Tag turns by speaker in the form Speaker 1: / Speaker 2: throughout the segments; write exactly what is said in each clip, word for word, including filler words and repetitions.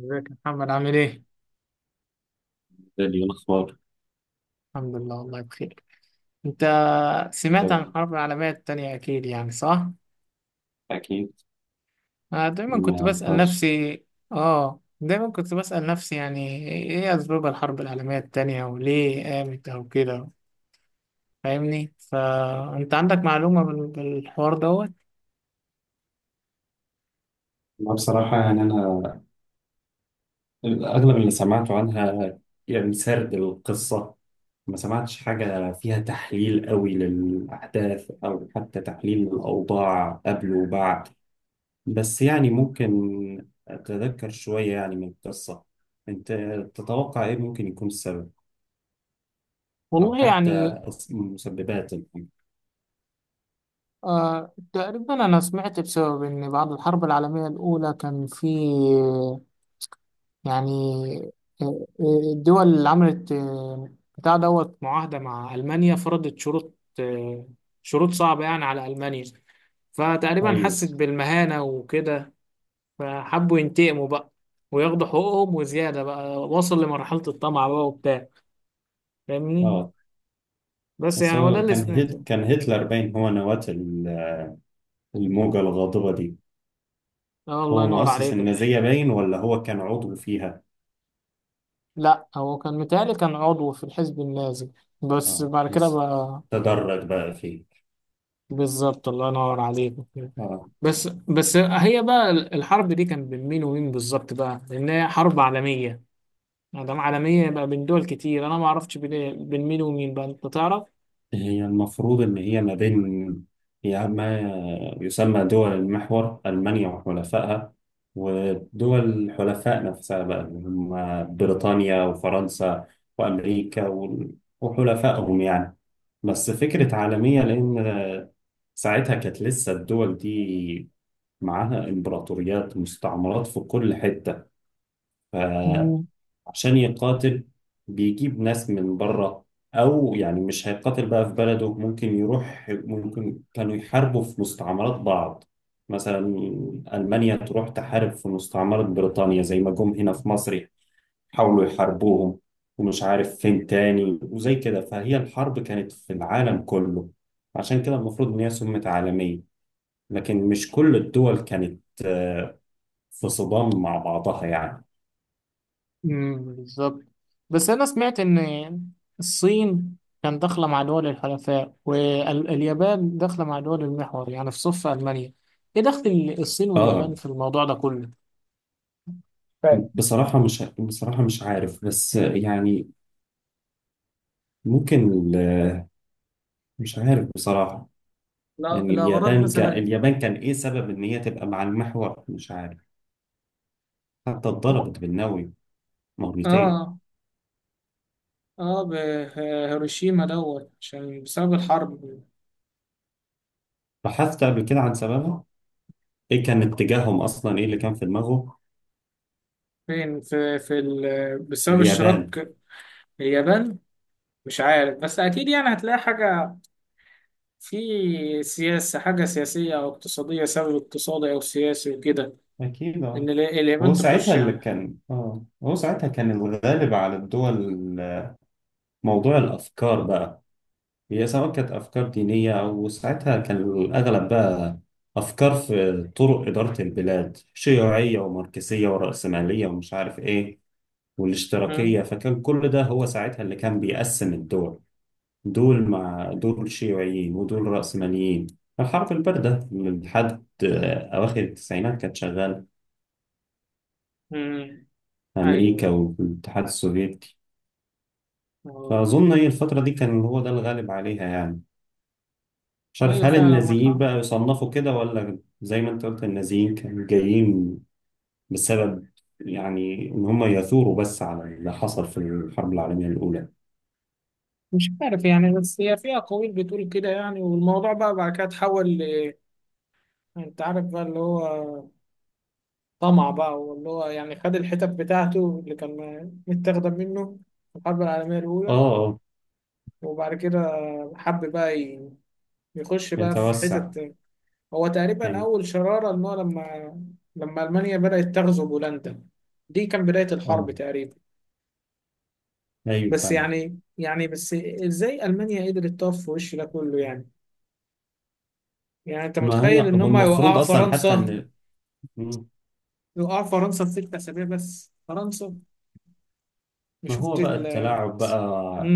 Speaker 1: ازيك يا محمد عامل ايه؟
Speaker 2: دالي الأخبار،
Speaker 1: الحمد لله والله بخير. انت سمعت عن الحرب العالمية التانية اكيد يعني صح؟
Speaker 2: أكيد
Speaker 1: انا دايما كنت
Speaker 2: ما
Speaker 1: بسأل
Speaker 2: فيهاش.
Speaker 1: نفسي. اه دايما كنت بسأل نفسي يعني ايه اسباب الحرب العالمية التانية وليه قامت او كده. فاهمني؟ فانت عندك معلومة بال- بالحوار دوت؟
Speaker 2: أنا بصراحة يعني، أنا أغلب اللي سمعته عنها يعني سرد القصة، ما سمعتش حاجة فيها تحليل قوي للأحداث أو حتى تحليل للأوضاع قبل وبعد. بس يعني ممكن أتذكر شوية يعني من القصة. أنت تتوقع إيه ممكن يكون السبب، أو
Speaker 1: والله
Speaker 2: حتى
Speaker 1: يعني
Speaker 2: أص- مسببات الحاجة؟
Speaker 1: آه تقريبا انا سمعت بسبب ان بعد الحرب العالمية الاولى كان في يعني آه، آه، الدول اللي عملت آه، بتاع دوت معاهدة مع ألمانيا فرضت شروط، آه، شروط صعبة يعني على ألمانيا. فتقريبا
Speaker 2: أيوه.
Speaker 1: حست بالمهانة وكده، فحبوا ينتقموا بقى وياخدوا حقوقهم وزيادة بقى. وصل لمرحلة الطمع بقى وبتاع، فاهمني.
Speaker 2: أه،
Speaker 1: بس
Speaker 2: بس
Speaker 1: يعني هو ده
Speaker 2: هو
Speaker 1: اللي
Speaker 2: كان هت...
Speaker 1: سمعته.
Speaker 2: كان هتلر باين هو نواة الموجة الغاضبة دي.
Speaker 1: آه الله
Speaker 2: هو
Speaker 1: ينور
Speaker 2: مؤسس
Speaker 1: عليك الحق.
Speaker 2: النازية باين ولا هو كان عضو فيها؟
Speaker 1: لا هو كان متهيألي كان عضو في الحزب النازي، بس
Speaker 2: اه
Speaker 1: بعد كده
Speaker 2: بس
Speaker 1: بقى.
Speaker 2: تدرج بقى فيه.
Speaker 1: بالظبط الله ينور عليك.
Speaker 2: اه،
Speaker 1: بس بس هي بقى الحرب دي كان بين مين ومين بالظبط بقى، لان هي حرب عالميه. ما دام عالميه يبقى بين دول كتير. انا ما اعرفش بين إيه، بين مين ومين بقى، انت تعرف.
Speaker 2: هي المفروض ان هي ما بين، هي ما يسمى دول المحور، ألمانيا وحلفائها، ودول الحلفاء نفسها بقى اللي هم بريطانيا وفرنسا وأمريكا وال- وحلفائهم يعني. بس فكرة عالمية، لأن ساعتها كانت لسه الدول دي معاها إمبراطوريات، مستعمرات في كل حتة،
Speaker 1: مم.
Speaker 2: فعشان يقاتل بيجيب ناس من بره، أو يعني مش هيقاتل بقى في بلده، ممكن يروح، ممكن كانوا يحاربوا في مستعمرات بعض. مثلا ألمانيا تروح تحارب في مستعمرة بريطانيا، زي ما جم هنا في مصر حاولوا يحاربوهم، ومش عارف فين تاني وزي كده. فهي الحرب كانت في العالم كله، عشان كده المفروض إن هي سمت عالمية، لكن مش كل الدول كانت في صدام مع بعضها يعني.
Speaker 1: امم بالظبط. بس انا سمعت ان الصين كان داخله مع دول الحلفاء واليابان داخله مع دول المحور، يعني في صف المانيا. ايه دخل الصين واليابان
Speaker 2: اه،
Speaker 1: في الموضوع ده كله، فاهم؟
Speaker 2: بصراحة مش بصراحة مش عارف، بس يعني ممكن ال- مش عارف بصراحة.
Speaker 1: لا
Speaker 2: يعني
Speaker 1: لا غرض
Speaker 2: اليابان ك...
Speaker 1: مثلا.
Speaker 2: اليابان كان ايه سبب ان هي تبقى مع المحور؟ مش عارف. حتى اتضربت بالنووي مرتين.
Speaker 1: اه اه بهيروشيما دوت عشان بسبب الحرب.
Speaker 2: بحثت قبل كده عن سببها، ايه كان اتجاههم اصلا، ايه اللي كان في دماغه؟
Speaker 1: فين في في ال... بسبب
Speaker 2: اليابان.
Speaker 1: اشتراك اليابان. مش عارف بس اكيد يعني هتلاقي حاجه في سياسه، حاجه سياسيه او اقتصاديه، سبب اقتصادي او سياسي وكده.
Speaker 2: أكيد اه.
Speaker 1: ان ال-
Speaker 2: هو
Speaker 1: اليابان تخش
Speaker 2: ساعتها اللي
Speaker 1: يعني.
Speaker 2: كان، اه هو ساعتها كان الغالب على الدول موضوع الأفكار بقى. هي سواء كانت أفكار دينية، أو ساعتها كان الأغلب بقى أفكار في طرق إدارة البلاد، شيوعية وماركسية ورأسمالية ومش عارف إيه والاشتراكية.
Speaker 1: مم.
Speaker 2: فكان كل ده هو ساعتها اللي كان بيقسم الدول، دول مع دول شيوعيين ودول رأسماليين. الحرب الباردة من لحد آه، أواخر التسعينات كانت شغالة
Speaker 1: مم.
Speaker 2: في أمريكا
Speaker 1: ايوه
Speaker 2: والاتحاد السوفيتي.
Speaker 1: اه.
Speaker 2: فأظن هي الفترة دي كان هو ده الغالب عليها يعني. مش عارف
Speaker 1: ايوه
Speaker 2: هل
Speaker 1: فعلا معاك
Speaker 2: النازيين بقى
Speaker 1: حق.
Speaker 2: يصنفوا كده، ولا زي ما انت قلت النازيين كانوا جايين بسبب يعني ان هم يثوروا بس على اللي حصل في الحرب العالمية الأولى.
Speaker 1: مش عارف يعني بس هي في اقاويل بتقول كده يعني. والموضوع بقى بعد كده اتحول ل... انت عارف بقى اللي هو طمع بقى، واللي هو يعني خد الحتت بتاعته اللي كان متاخدة منه في الحرب العالمية
Speaker 2: اه
Speaker 1: الأولى.
Speaker 2: اه.
Speaker 1: وبعد كده حب بقى ي- يخش بقى في
Speaker 2: يتوسع.
Speaker 1: حتت. هو تقريبا
Speaker 2: ايوه.
Speaker 1: أول شرارة إن هو لما لما ألمانيا بدأت تغزو بولندا، دي كان بداية الحرب
Speaker 2: اه.
Speaker 1: تقريبا.
Speaker 2: ايوه
Speaker 1: بس
Speaker 2: فعلا.
Speaker 1: يعني يعني بس إزاي ألمانيا قدرت تقف في وش ده كله يعني؟ يعني أنت
Speaker 2: ما هي،
Speaker 1: متخيل إن
Speaker 2: هو
Speaker 1: هم يوقعوا
Speaker 2: المفروض اصلا حتى
Speaker 1: فرنسا
Speaker 2: ان... مم.
Speaker 1: يوقعوا فرنسا في ست أسابيع؟ بس فرنسا
Speaker 2: ما
Speaker 1: مش شفت
Speaker 2: هو بقى
Speaker 1: ال...
Speaker 2: التلاعب بقى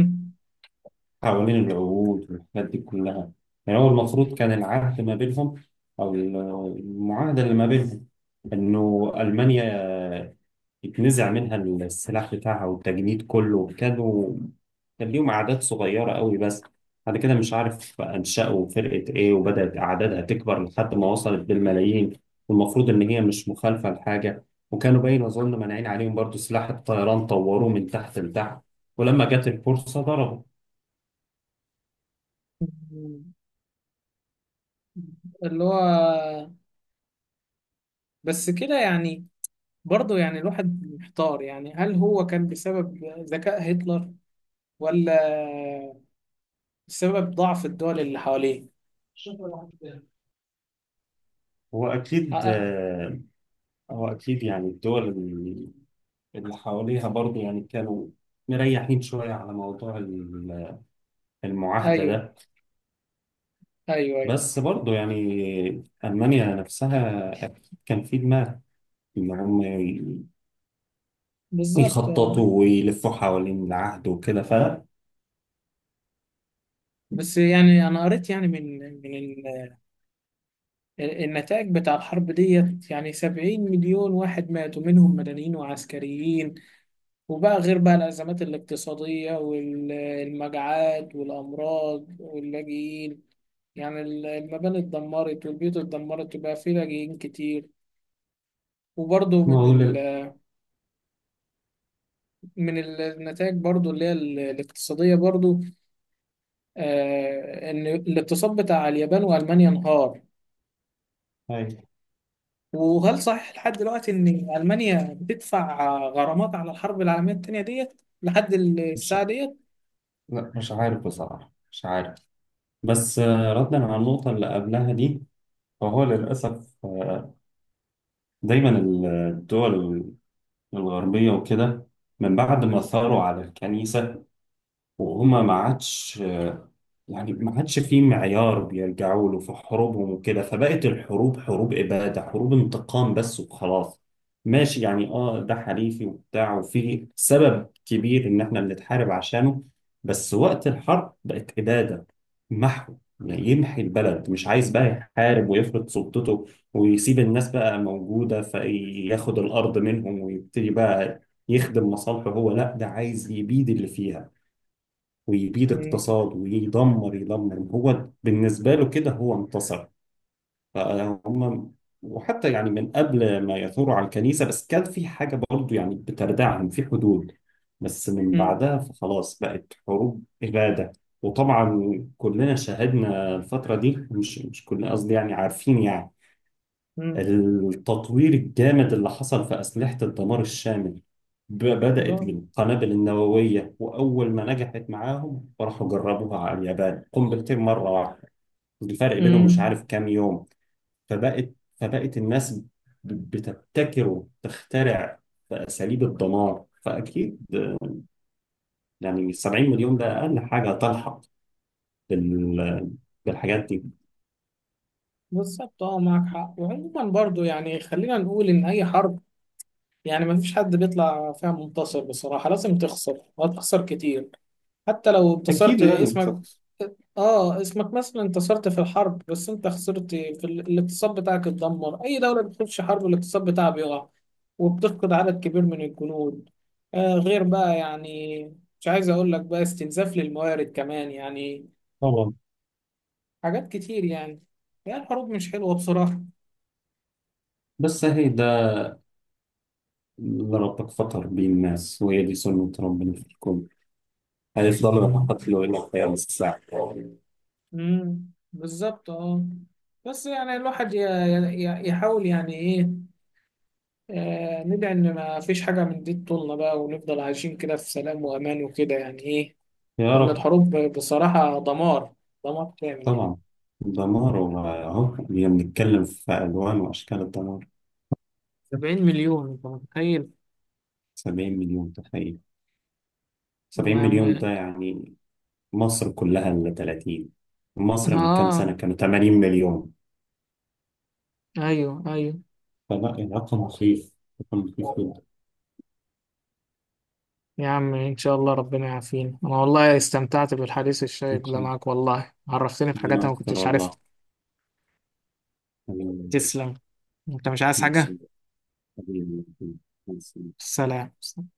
Speaker 2: حوالين العهود والحاجات دي كلها. يعني هو المفروض كان العهد ما بينهم، او المعاهدة اللي ما بينهم، انه ألمانيا اتنزع منها السلاح بتاعها، والتجنيد كله كانوا، كان ليهم أعداد صغيرة قوي. بس بعد كده مش عارف أنشأوا فرقة إيه، وبدأت أعدادها تكبر لحد ما وصلت بالملايين. والمفروض إن هي مش مخالفة لحاجة، وكانوا باين أظن مانعين عليهم برضو سلاح الطيران، طوروه من تحت لتحت، ولما جت الفرصة ضربوا.
Speaker 1: مم. اللي هو، بس كده يعني. برضه يعني الواحد محتار يعني. هل هو كان بسبب ذكاء هتلر، ولا بسبب ضعف الدول اللي حواليه؟
Speaker 2: هو
Speaker 1: آه
Speaker 2: أكيد
Speaker 1: آه،
Speaker 2: آه، هو أكيد يعني الدول اللي اللي حواليها برضو يعني كانوا مريحين شوية على موضوع ال- المعاهدة
Speaker 1: ايوه
Speaker 2: ده.
Speaker 1: ايوه ايوه
Speaker 2: بس برضه يعني ألمانيا نفسها أكيد كان في دماغ إن هم ي-
Speaker 1: بالظبط آه.
Speaker 2: يخططوا ويلفوا حوالين العهد وكده.
Speaker 1: بس يعني انا قريت يعني من من ال- النتائج بتاع الحرب ديت. يعني سبعين مليون واحد ماتوا منهم مدنيين وعسكريين، وبقى غير بقى الأزمات الاقتصادية والمجاعات والأمراض واللاجئين. يعني ال- المباني اتدمرت والبيوت اتدمرت وبقى فيه لاجئين كتير. وبرضه من
Speaker 2: فمعقول
Speaker 1: ال...
Speaker 2: ال-
Speaker 1: من ال- النتائج برضه اللي هي ال- الاقتصادية برضه، آه إن الاقتصاد بتاع اليابان وألمانيا انهار.
Speaker 2: أيوة.
Speaker 1: وهل صحيح لحد دلوقتي إن ألمانيا بتدفع غرامات على الحرب العالمية التانية ديت لحد ال-
Speaker 2: مش
Speaker 1: الساعة ديت؟
Speaker 2: لا، مش عارف بصراحة، مش عارف. بس آه، ردا على النقطة اللي قبلها دي، فهو للأسف آه، دايما الدول الغربية وكده، من بعد ما ثاروا على الكنيسة وهما ما عادش يعني، ما عادش في معيار بيرجعوا له في حروبهم وكده، فبقت الحروب حروب إبادة، حروب انتقام بس وخلاص. ماشي يعني، اه ده حليفي وبتاع، وفي سبب كبير ان احنا بنتحارب عشانه، بس وقت الحرب بقت إبادة، محو. يعني يمحي البلد، مش عايز بقى يحارب ويفرض سلطته ويسيب الناس بقى موجودة، فياخد الأرض منهم ويبتدي بقى يخدم مصالحه، هو لا ده عايز يبيد اللي فيها، ويبيد
Speaker 1: مم.
Speaker 2: اقتصاد، ويدمر يدمر هو بالنسبة له كده هو انتصر. فهم. وحتى يعني من قبل ما يثوروا على الكنيسة بس كان في حاجة برضو يعني بتردعهم في حدود، بس من
Speaker 1: مم.
Speaker 2: بعدها فخلاص بقت حروب إبادة. وطبعا كلنا شاهدنا الفترة دي، مش مش كلنا قصدي، يعني عارفين يعني
Speaker 1: مم.
Speaker 2: التطوير الجامد اللي حصل في أسلحة الدمار الشامل. ب- بدأت
Speaker 1: آه.
Speaker 2: بالقنابل النووية، وأول ما نجحت معاهم راحوا جربوها على اليابان، قنبلتين مرة واحدة، الفرق بينهم مش
Speaker 1: مم.
Speaker 2: عارف كام يوم. فبقت فبقت الناس ب- بتبتكر وتخترع في أساليب الدمار. فأكيد يعني سبعين مليون ده أقل حاجة تلحق بال- بالحاجات دي.
Speaker 1: بالظبط اه معاك حق. وعموما برضه يعني خلينا نقول إن أي حرب، يعني ما فيش حد بيطلع فيها منتصر بصراحة. لازم تخسر وهتخسر كتير حتى لو
Speaker 2: أكيد
Speaker 1: انتصرت
Speaker 2: لازم
Speaker 1: اسمك.
Speaker 2: تخلص.
Speaker 1: اه اسمك مثلا انتصرت في الحرب، بس انت خسرت في ال- الاقتصاد بتاعك اتدمر. اي دولة بتخش حرب الاقتصاد بتاعها بيقع، وبتفقد عدد كبير من الجنود. آه غير بقى يعني، مش عايز اقول لك بقى استنزاف للموارد كمان يعني،
Speaker 2: طبعا.
Speaker 1: حاجات كتير يعني. يعني الحروب مش حلوة بصراحة.
Speaker 2: بس هي ده، إن ربك فطر بيه الناس، وهي دي سنة ربنا في الكون، هيفضلوا يقتلوا إلى قيام الساعة.
Speaker 1: امم بالظبط اه. بس يعني الواحد ي- ي- يحاول يعني ايه، آه ندعي ان ما فيش حاجه من دي تطولنا بقى، ونفضل عايشين كده في سلام وامان وكده يعني ايه.
Speaker 2: يا
Speaker 1: لان
Speaker 2: رب.
Speaker 1: الحروب بصراحه دمار، دمار كامل يعني.
Speaker 2: طبعا. دمار، وأهو بنتكلم في ألوان وأشكال الدمار.
Speaker 1: سبعين مليون انت متخيل!
Speaker 2: سبعين مليون، تخيل.
Speaker 1: والله
Speaker 2: سبعين
Speaker 1: يا
Speaker 2: مليون
Speaker 1: عم.
Speaker 2: ده يعني مصر كلها، اللي ثلاثين، مصر من كام سنة
Speaker 1: اه
Speaker 2: كانوا تمانين مليون.
Speaker 1: ايوه ايوه.
Speaker 2: فلا، الرقم مخيف، رقم مخيف جدا.
Speaker 1: يا عم ان شاء الله ربنا يعافينا. انا والله استمتعت بالحديث
Speaker 2: إن
Speaker 1: الشيق ده
Speaker 2: شاء الله.
Speaker 1: معاك، والله عرفتني بحاجات
Speaker 2: ربنا
Speaker 1: انا ما
Speaker 2: أكتر
Speaker 1: كنتش عارفها.
Speaker 2: والله، حبيبي،
Speaker 1: تسلم. انت مش عايز حاجه؟
Speaker 2: حبيبي، حبيبي، حبيبي.
Speaker 1: سلام.